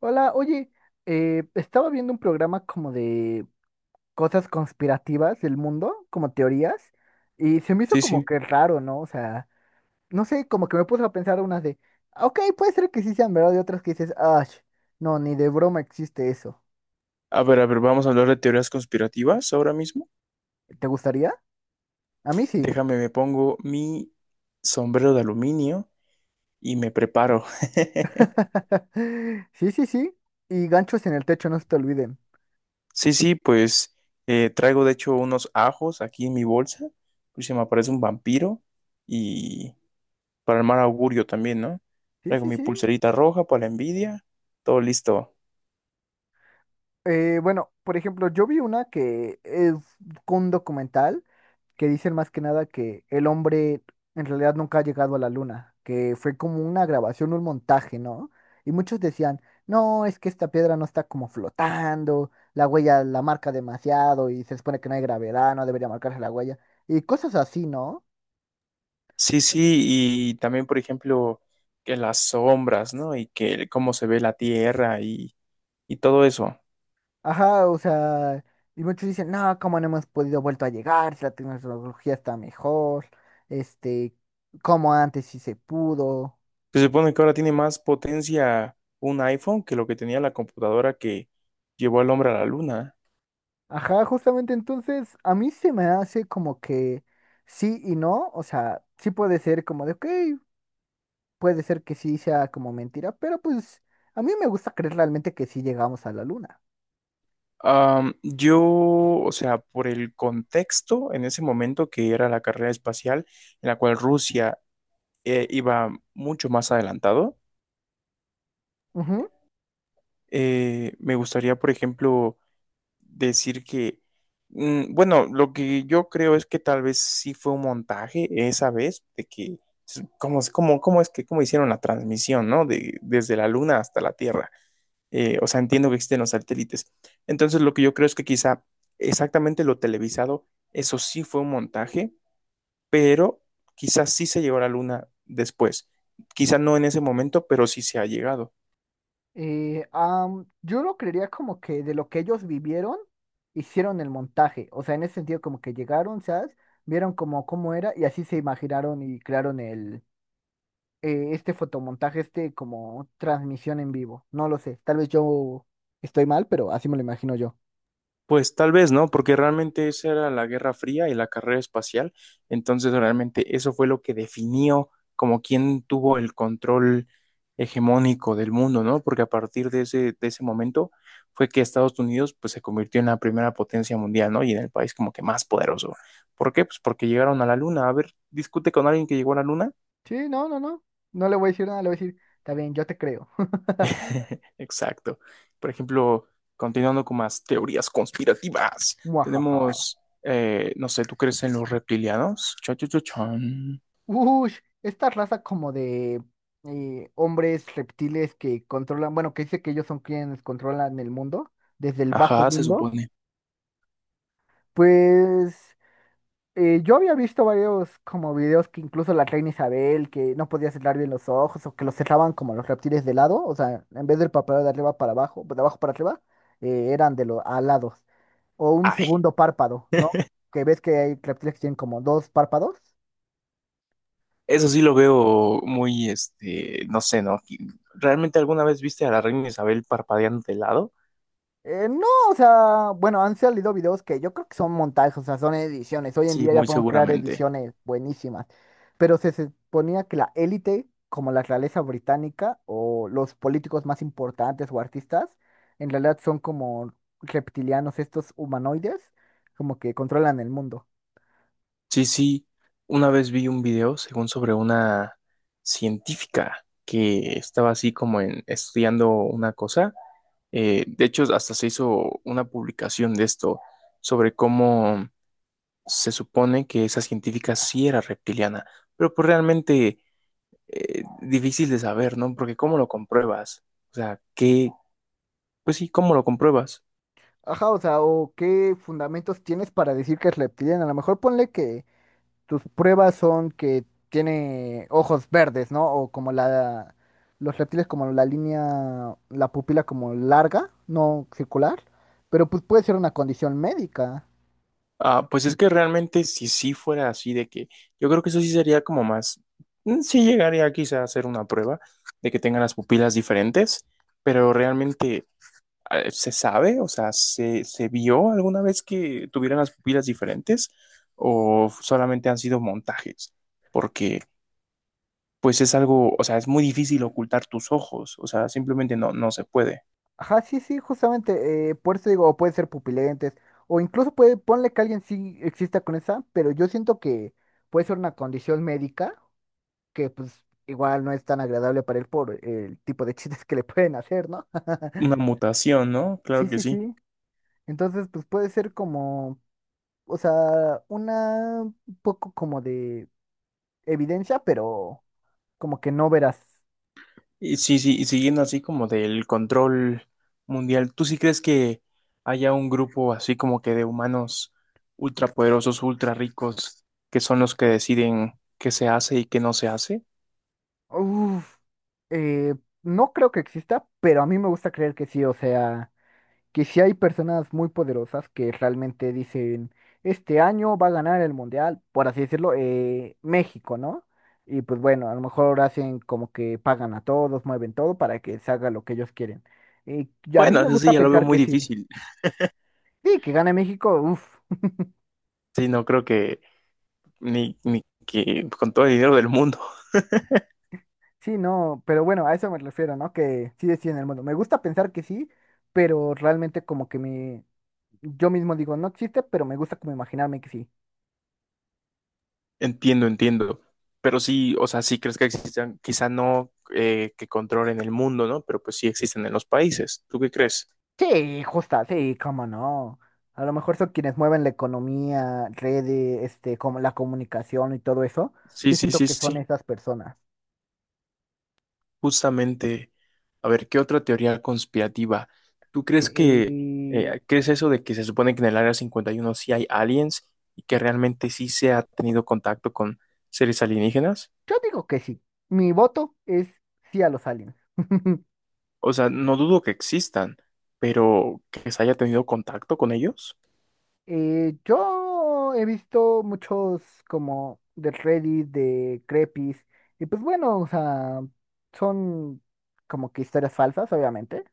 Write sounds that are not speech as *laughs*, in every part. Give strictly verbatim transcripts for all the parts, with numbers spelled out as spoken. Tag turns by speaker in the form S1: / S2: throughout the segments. S1: Hola, oye, eh, estaba viendo un programa como de cosas conspirativas del mundo, como teorías, y se me hizo
S2: Sí,
S1: como
S2: sí.
S1: que raro, ¿no? O sea, no sé, como que me puse a pensar unas de, "Ah, ok, puede ser que sí sean verdad", y otras que dices, "Ah, no, ni de broma existe eso".
S2: A ver, a ver, vamos a hablar de teorías conspirativas ahora mismo.
S1: ¿Te gustaría? A mí sí.
S2: Déjame, me pongo mi sombrero de aluminio y me preparo. *laughs*
S1: *laughs* Sí, sí, sí. Y ganchos en el techo, no se te olviden.
S2: Sí, sí, pues eh, traigo de hecho unos ajos aquí en mi bolsa, pues se me aparece un vampiro y para el mal augurio también, ¿no?
S1: Sí,
S2: Traigo
S1: sí,
S2: mi
S1: sí.
S2: pulserita roja para la envidia, todo listo.
S1: Eh, bueno, por ejemplo, yo vi una que es un documental, que dicen más que nada que el hombre en realidad nunca ha llegado a la luna, que fue como una grabación, un montaje, ¿no? Y muchos decían, no, es que esta piedra no está como flotando, la huella la marca demasiado y se supone que no hay gravedad, no debería marcarse la huella, y cosas así, ¿no?
S2: Sí, sí, y también, por ejemplo, que las sombras, ¿no? Y que el- cómo se ve la tierra y, y todo eso.
S1: Ajá, o sea, y muchos dicen, no, ¿cómo no hemos podido vuelto a llegar? Si la tecnología está mejor, este, como antes sí se pudo.
S2: Se supone que ahora tiene más potencia un iPhone que lo que tenía la computadora que llevó al hombre a la luna.
S1: Ajá, justamente entonces a mí se me hace como que sí y no. O sea, sí puede ser como de, ok, puede ser que sí sea como mentira, pero pues a mí me gusta creer realmente que sí llegamos a la luna.
S2: Am, yo, o sea, por el contexto en ese momento que era la carrera espacial, en la cual Rusia eh, iba mucho más adelantado,
S1: Ujú.
S2: eh, me gustaría, por ejemplo, decir que, mm, bueno, lo que yo creo es que tal vez sí fue un montaje esa vez, de que, como, como, cómo es que, cómo hicieron la transmisión, ¿no? De, desde la Luna hasta la Tierra. Eh, o sea, entiendo que existen los satélites. Entonces, lo que yo creo es que quizá exactamente lo televisado, eso sí fue un montaje, pero quizás sí se llegó a la Luna después. Quizá no en ese momento, pero sí se ha llegado.
S1: Eh, am, yo lo creería como que de lo que ellos vivieron, hicieron el montaje, o sea, en ese sentido como que llegaron, ¿sabes? Vieron como cómo era y así se imaginaron y crearon el, eh, este fotomontaje, este como transmisión en vivo. No lo sé, tal vez yo estoy mal, pero así me lo imagino yo.
S2: Pues tal vez, ¿no? Porque realmente esa era la Guerra Fría y la carrera espacial. Entonces, realmente eso fue lo que definió como quién tuvo el control hegemónico del mundo, ¿no? Porque a partir de ese, de ese momento fue que Estados Unidos pues se convirtió en la primera potencia mundial, ¿no? Y en el país como que más poderoso. ¿Por qué? Pues porque llegaron a la luna. A ver, discute con alguien que llegó a la luna.
S1: Sí, no, no, no. No le voy a decir nada, le voy a decir, está bien, yo te creo. *laughs*
S2: *laughs* Exacto. Por ejemplo, continuando con más teorías conspirativas,
S1: Muajaja.
S2: tenemos, eh, no sé, ¿tú crees en los reptilianos? Cha, cha, cha, chan.
S1: Ush, esta raza como de eh, hombres reptiles que controlan, bueno, que dice que ellos son quienes controlan el mundo, desde el bajo
S2: Ajá, se
S1: mundo,
S2: supone.
S1: pues eh, yo había visto varios como videos que incluso la reina Isabel, que no podía cerrar bien los ojos o que los cerraban como los reptiles de lado, o sea, en vez del párpado de arriba para abajo, de abajo para arriba, eh, eran de los alados. O un
S2: Ay,
S1: segundo párpado, ¿no? Que ves que hay reptiles que tienen como dos párpados.
S2: eso sí lo veo muy, este, no sé, ¿no? ¿Realmente alguna vez viste a la reina Isabel parpadeando de lado?
S1: Eh, no, o sea, bueno, han salido videos que yo creo que son montajes, o sea, son ediciones. Hoy en
S2: Sí,
S1: día ya
S2: muy
S1: podemos crear
S2: seguramente.
S1: ediciones buenísimas, pero se suponía que la élite, como la realeza británica o los políticos más importantes o artistas, en realidad son como reptilianos, estos humanoides, como que controlan el mundo.
S2: Sí, sí, una vez vi un video, según sobre una científica que estaba así como en, estudiando una cosa. Eh, de hecho, hasta se hizo una publicación de esto sobre cómo se supone que esa científica sí era reptiliana, pero pues realmente eh, difícil de saber, ¿no? Porque ¿cómo lo compruebas? O sea, ¿qué? Pues sí, ¿cómo lo compruebas?
S1: Ajá, o sea, o qué fundamentos tienes para decir que es reptiliano. A lo mejor ponle que tus pruebas son que tiene ojos verdes, ¿no? O como la, los reptiles como la línea, la pupila como larga, no circular, pero pues puede ser una condición médica.
S2: Ah, pues es que realmente si sí fuera así de que yo creo que eso sí sería como más, mm, sí llegaría quizá a hacer una prueba de que tengan las pupilas diferentes, pero realmente. Eh, ¿Se sabe? O sea, ¿se, se vio alguna vez que tuvieran las pupilas diferentes o solamente han sido montajes? Porque pues es algo, o sea, es muy difícil ocultar tus ojos, o sea, simplemente no, no se puede.
S1: Ajá, sí, sí, justamente, eh, por eso digo, o puede ser pupilentes, o incluso puede, ponle que alguien sí exista con esa, pero yo siento que puede ser una condición médica que pues igual no es tan agradable para él por el tipo de *laughs* chistes que le pueden hacer, ¿no? *laughs*
S2: Una mutación, ¿no? Claro
S1: Sí,
S2: que
S1: sí,
S2: sí.
S1: sí. Entonces, pues puede ser como, o sea, una un poco como de evidencia, pero como que no verás.
S2: Y sí, sí, y siguiendo así como del control mundial, ¿tú sí crees que haya un grupo así como que de humanos ultrapoderosos, ultra ricos, que son los que deciden qué se hace y qué no se hace?
S1: Uf, eh, no creo que exista, pero a mí me gusta creer que sí, o sea, que sí hay personas muy poderosas que realmente dicen, este año va a ganar el mundial, por así decirlo, eh, México, ¿no? Y pues bueno, a lo mejor hacen como que pagan a todos, mueven todo para que se haga lo que ellos quieren. Y a mí
S2: Bueno,
S1: me
S2: eso sí,
S1: gusta
S2: ya lo veo
S1: pensar
S2: muy
S1: que sí.
S2: difícil.
S1: Sí, que gane México, uff.
S2: Sí, no creo que ni, ni que con todo el dinero del mundo. *laughs*
S1: Sí, no, pero bueno, a eso me refiero, ¿no? Que sí deciden el mundo. Me gusta pensar que sí, pero realmente como que me, yo mismo digo, no existe, pero me gusta como imaginarme que sí.
S2: Entiendo, entiendo. Pero sí, o sea, sí crees que existan, quizá no eh, que controlen el mundo, ¿no? Pero pues sí existen en los países. ¿Tú qué crees?
S1: Sí, justa, sí, cómo no. A lo mejor son quienes mueven la economía, redes, este, como la comunicación y todo eso.
S2: Sí,
S1: Yo
S2: sí,
S1: siento
S2: sí,
S1: que son
S2: sí.
S1: esas personas.
S2: Justamente, a ver, ¿qué otra teoría conspirativa? ¿Tú crees que,
S1: Eh, eh,
S2: eh, crees eso de que se supone que en el Área cincuenta y uno sí hay aliens y que realmente sí se ha tenido contacto con seres alienígenas?
S1: yo digo que sí. Mi voto es sí a los aliens. *laughs*
S2: O sea, no dudo que existan, pero que se haya tenido contacto con ellos.
S1: Eh, yo he visto muchos como de Reddit, de Crepis, y pues bueno, o sea, son como que historias falsas, obviamente,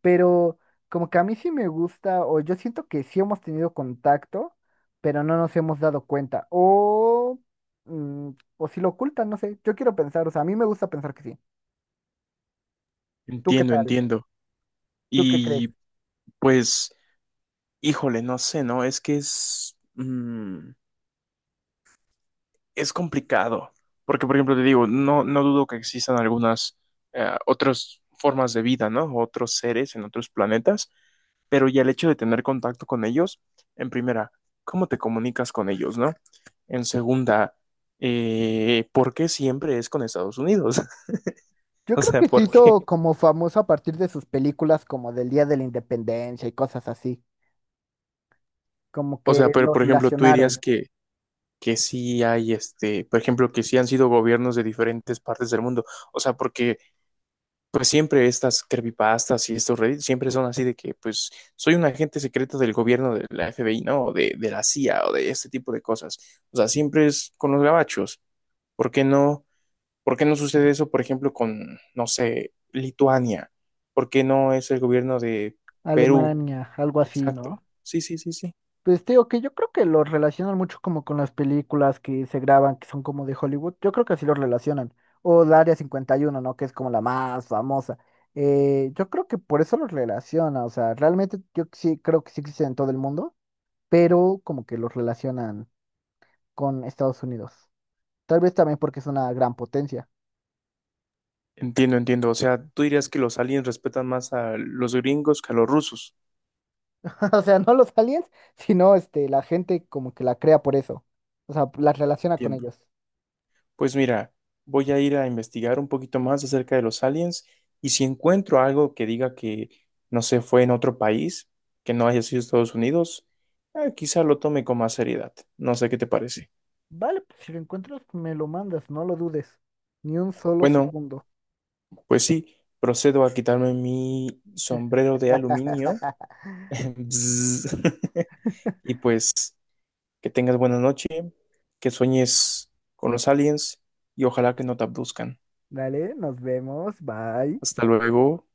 S1: pero como que a mí sí me gusta, o yo siento que sí hemos tenido contacto, pero no nos hemos dado cuenta, o, mm, o si lo ocultan, no sé, yo quiero pensar, o sea, a mí me gusta pensar que sí. ¿Tú qué
S2: Entiendo,
S1: tal?
S2: entiendo.
S1: ¿Tú qué crees?
S2: Y pues, híjole, no sé, ¿no? Es que es, mm, es complicado. Porque, por ejemplo, te digo, no, no dudo que existan algunas eh, otras formas de vida, ¿no? Otros seres en otros planetas, pero ya el hecho de tener contacto con ellos, en primera, ¿cómo te comunicas con ellos, ¿no? En segunda, eh, ¿por qué siempre es con Estados Unidos? *laughs* *laughs*
S1: Yo
S2: O
S1: creo
S2: sea,
S1: que se
S2: ¿por qué?
S1: hizo como famoso a partir de sus películas como del Día de la Independencia y cosas así. Como
S2: O sea,
S1: que
S2: pero
S1: los
S2: por ejemplo, tú dirías
S1: relacionaron.
S2: que, que sí hay, este, por ejemplo, que sí han sido gobiernos de diferentes partes del mundo. O sea, porque pues siempre estas creepypastas y estos reddits siempre son así de que pues soy un agente secreto del gobierno de la F B I, ¿no? O de, de la C I A o de este tipo de cosas. O sea, siempre es con los gabachos. ¿Por qué no? ¿Por qué no sucede eso, por ejemplo, con, no sé, Lituania? ¿Por qué no es el gobierno de Perú?
S1: Alemania, algo así,
S2: Exacto.
S1: ¿no?
S2: Sí, sí, sí, sí.
S1: Pues te digo que yo creo que los relacionan mucho como con las películas que se graban, que son como de Hollywood. Yo creo que así los relacionan. O el Área cincuenta y uno, ¿no? Que es como la más famosa. Eh, yo creo que por eso los relaciona. O sea, realmente yo sí creo que sí existen en todo el mundo, pero como que los relacionan con Estados Unidos. Tal vez también porque es una gran potencia.
S2: Entiendo, entiendo. O sea, tú dirías que los aliens respetan más a los gringos que a los rusos.
S1: *laughs* O sea, no los aliens, sino este, la gente como que la crea por eso. O sea, la relaciona con
S2: Entiendo.
S1: ellos.
S2: Pues mira, voy a ir a investigar un poquito más acerca de los aliens y si encuentro algo que diga que no se fue en otro país, que no haya sido Estados Unidos, eh, quizá lo tome con más seriedad. No sé qué te parece.
S1: Vale, pues si lo encuentras, me lo mandas, no lo dudes. Ni un solo
S2: Bueno,
S1: segundo.
S2: pues sí, procedo a quitarme mi sombrero de aluminio.
S1: *laughs*
S2: *laughs* Bzz. *laughs* Y pues que tengas buena noche, que sueñes con los aliens y ojalá que no te abduzcan.
S1: Dale, nos vemos, bye.
S2: Hasta luego.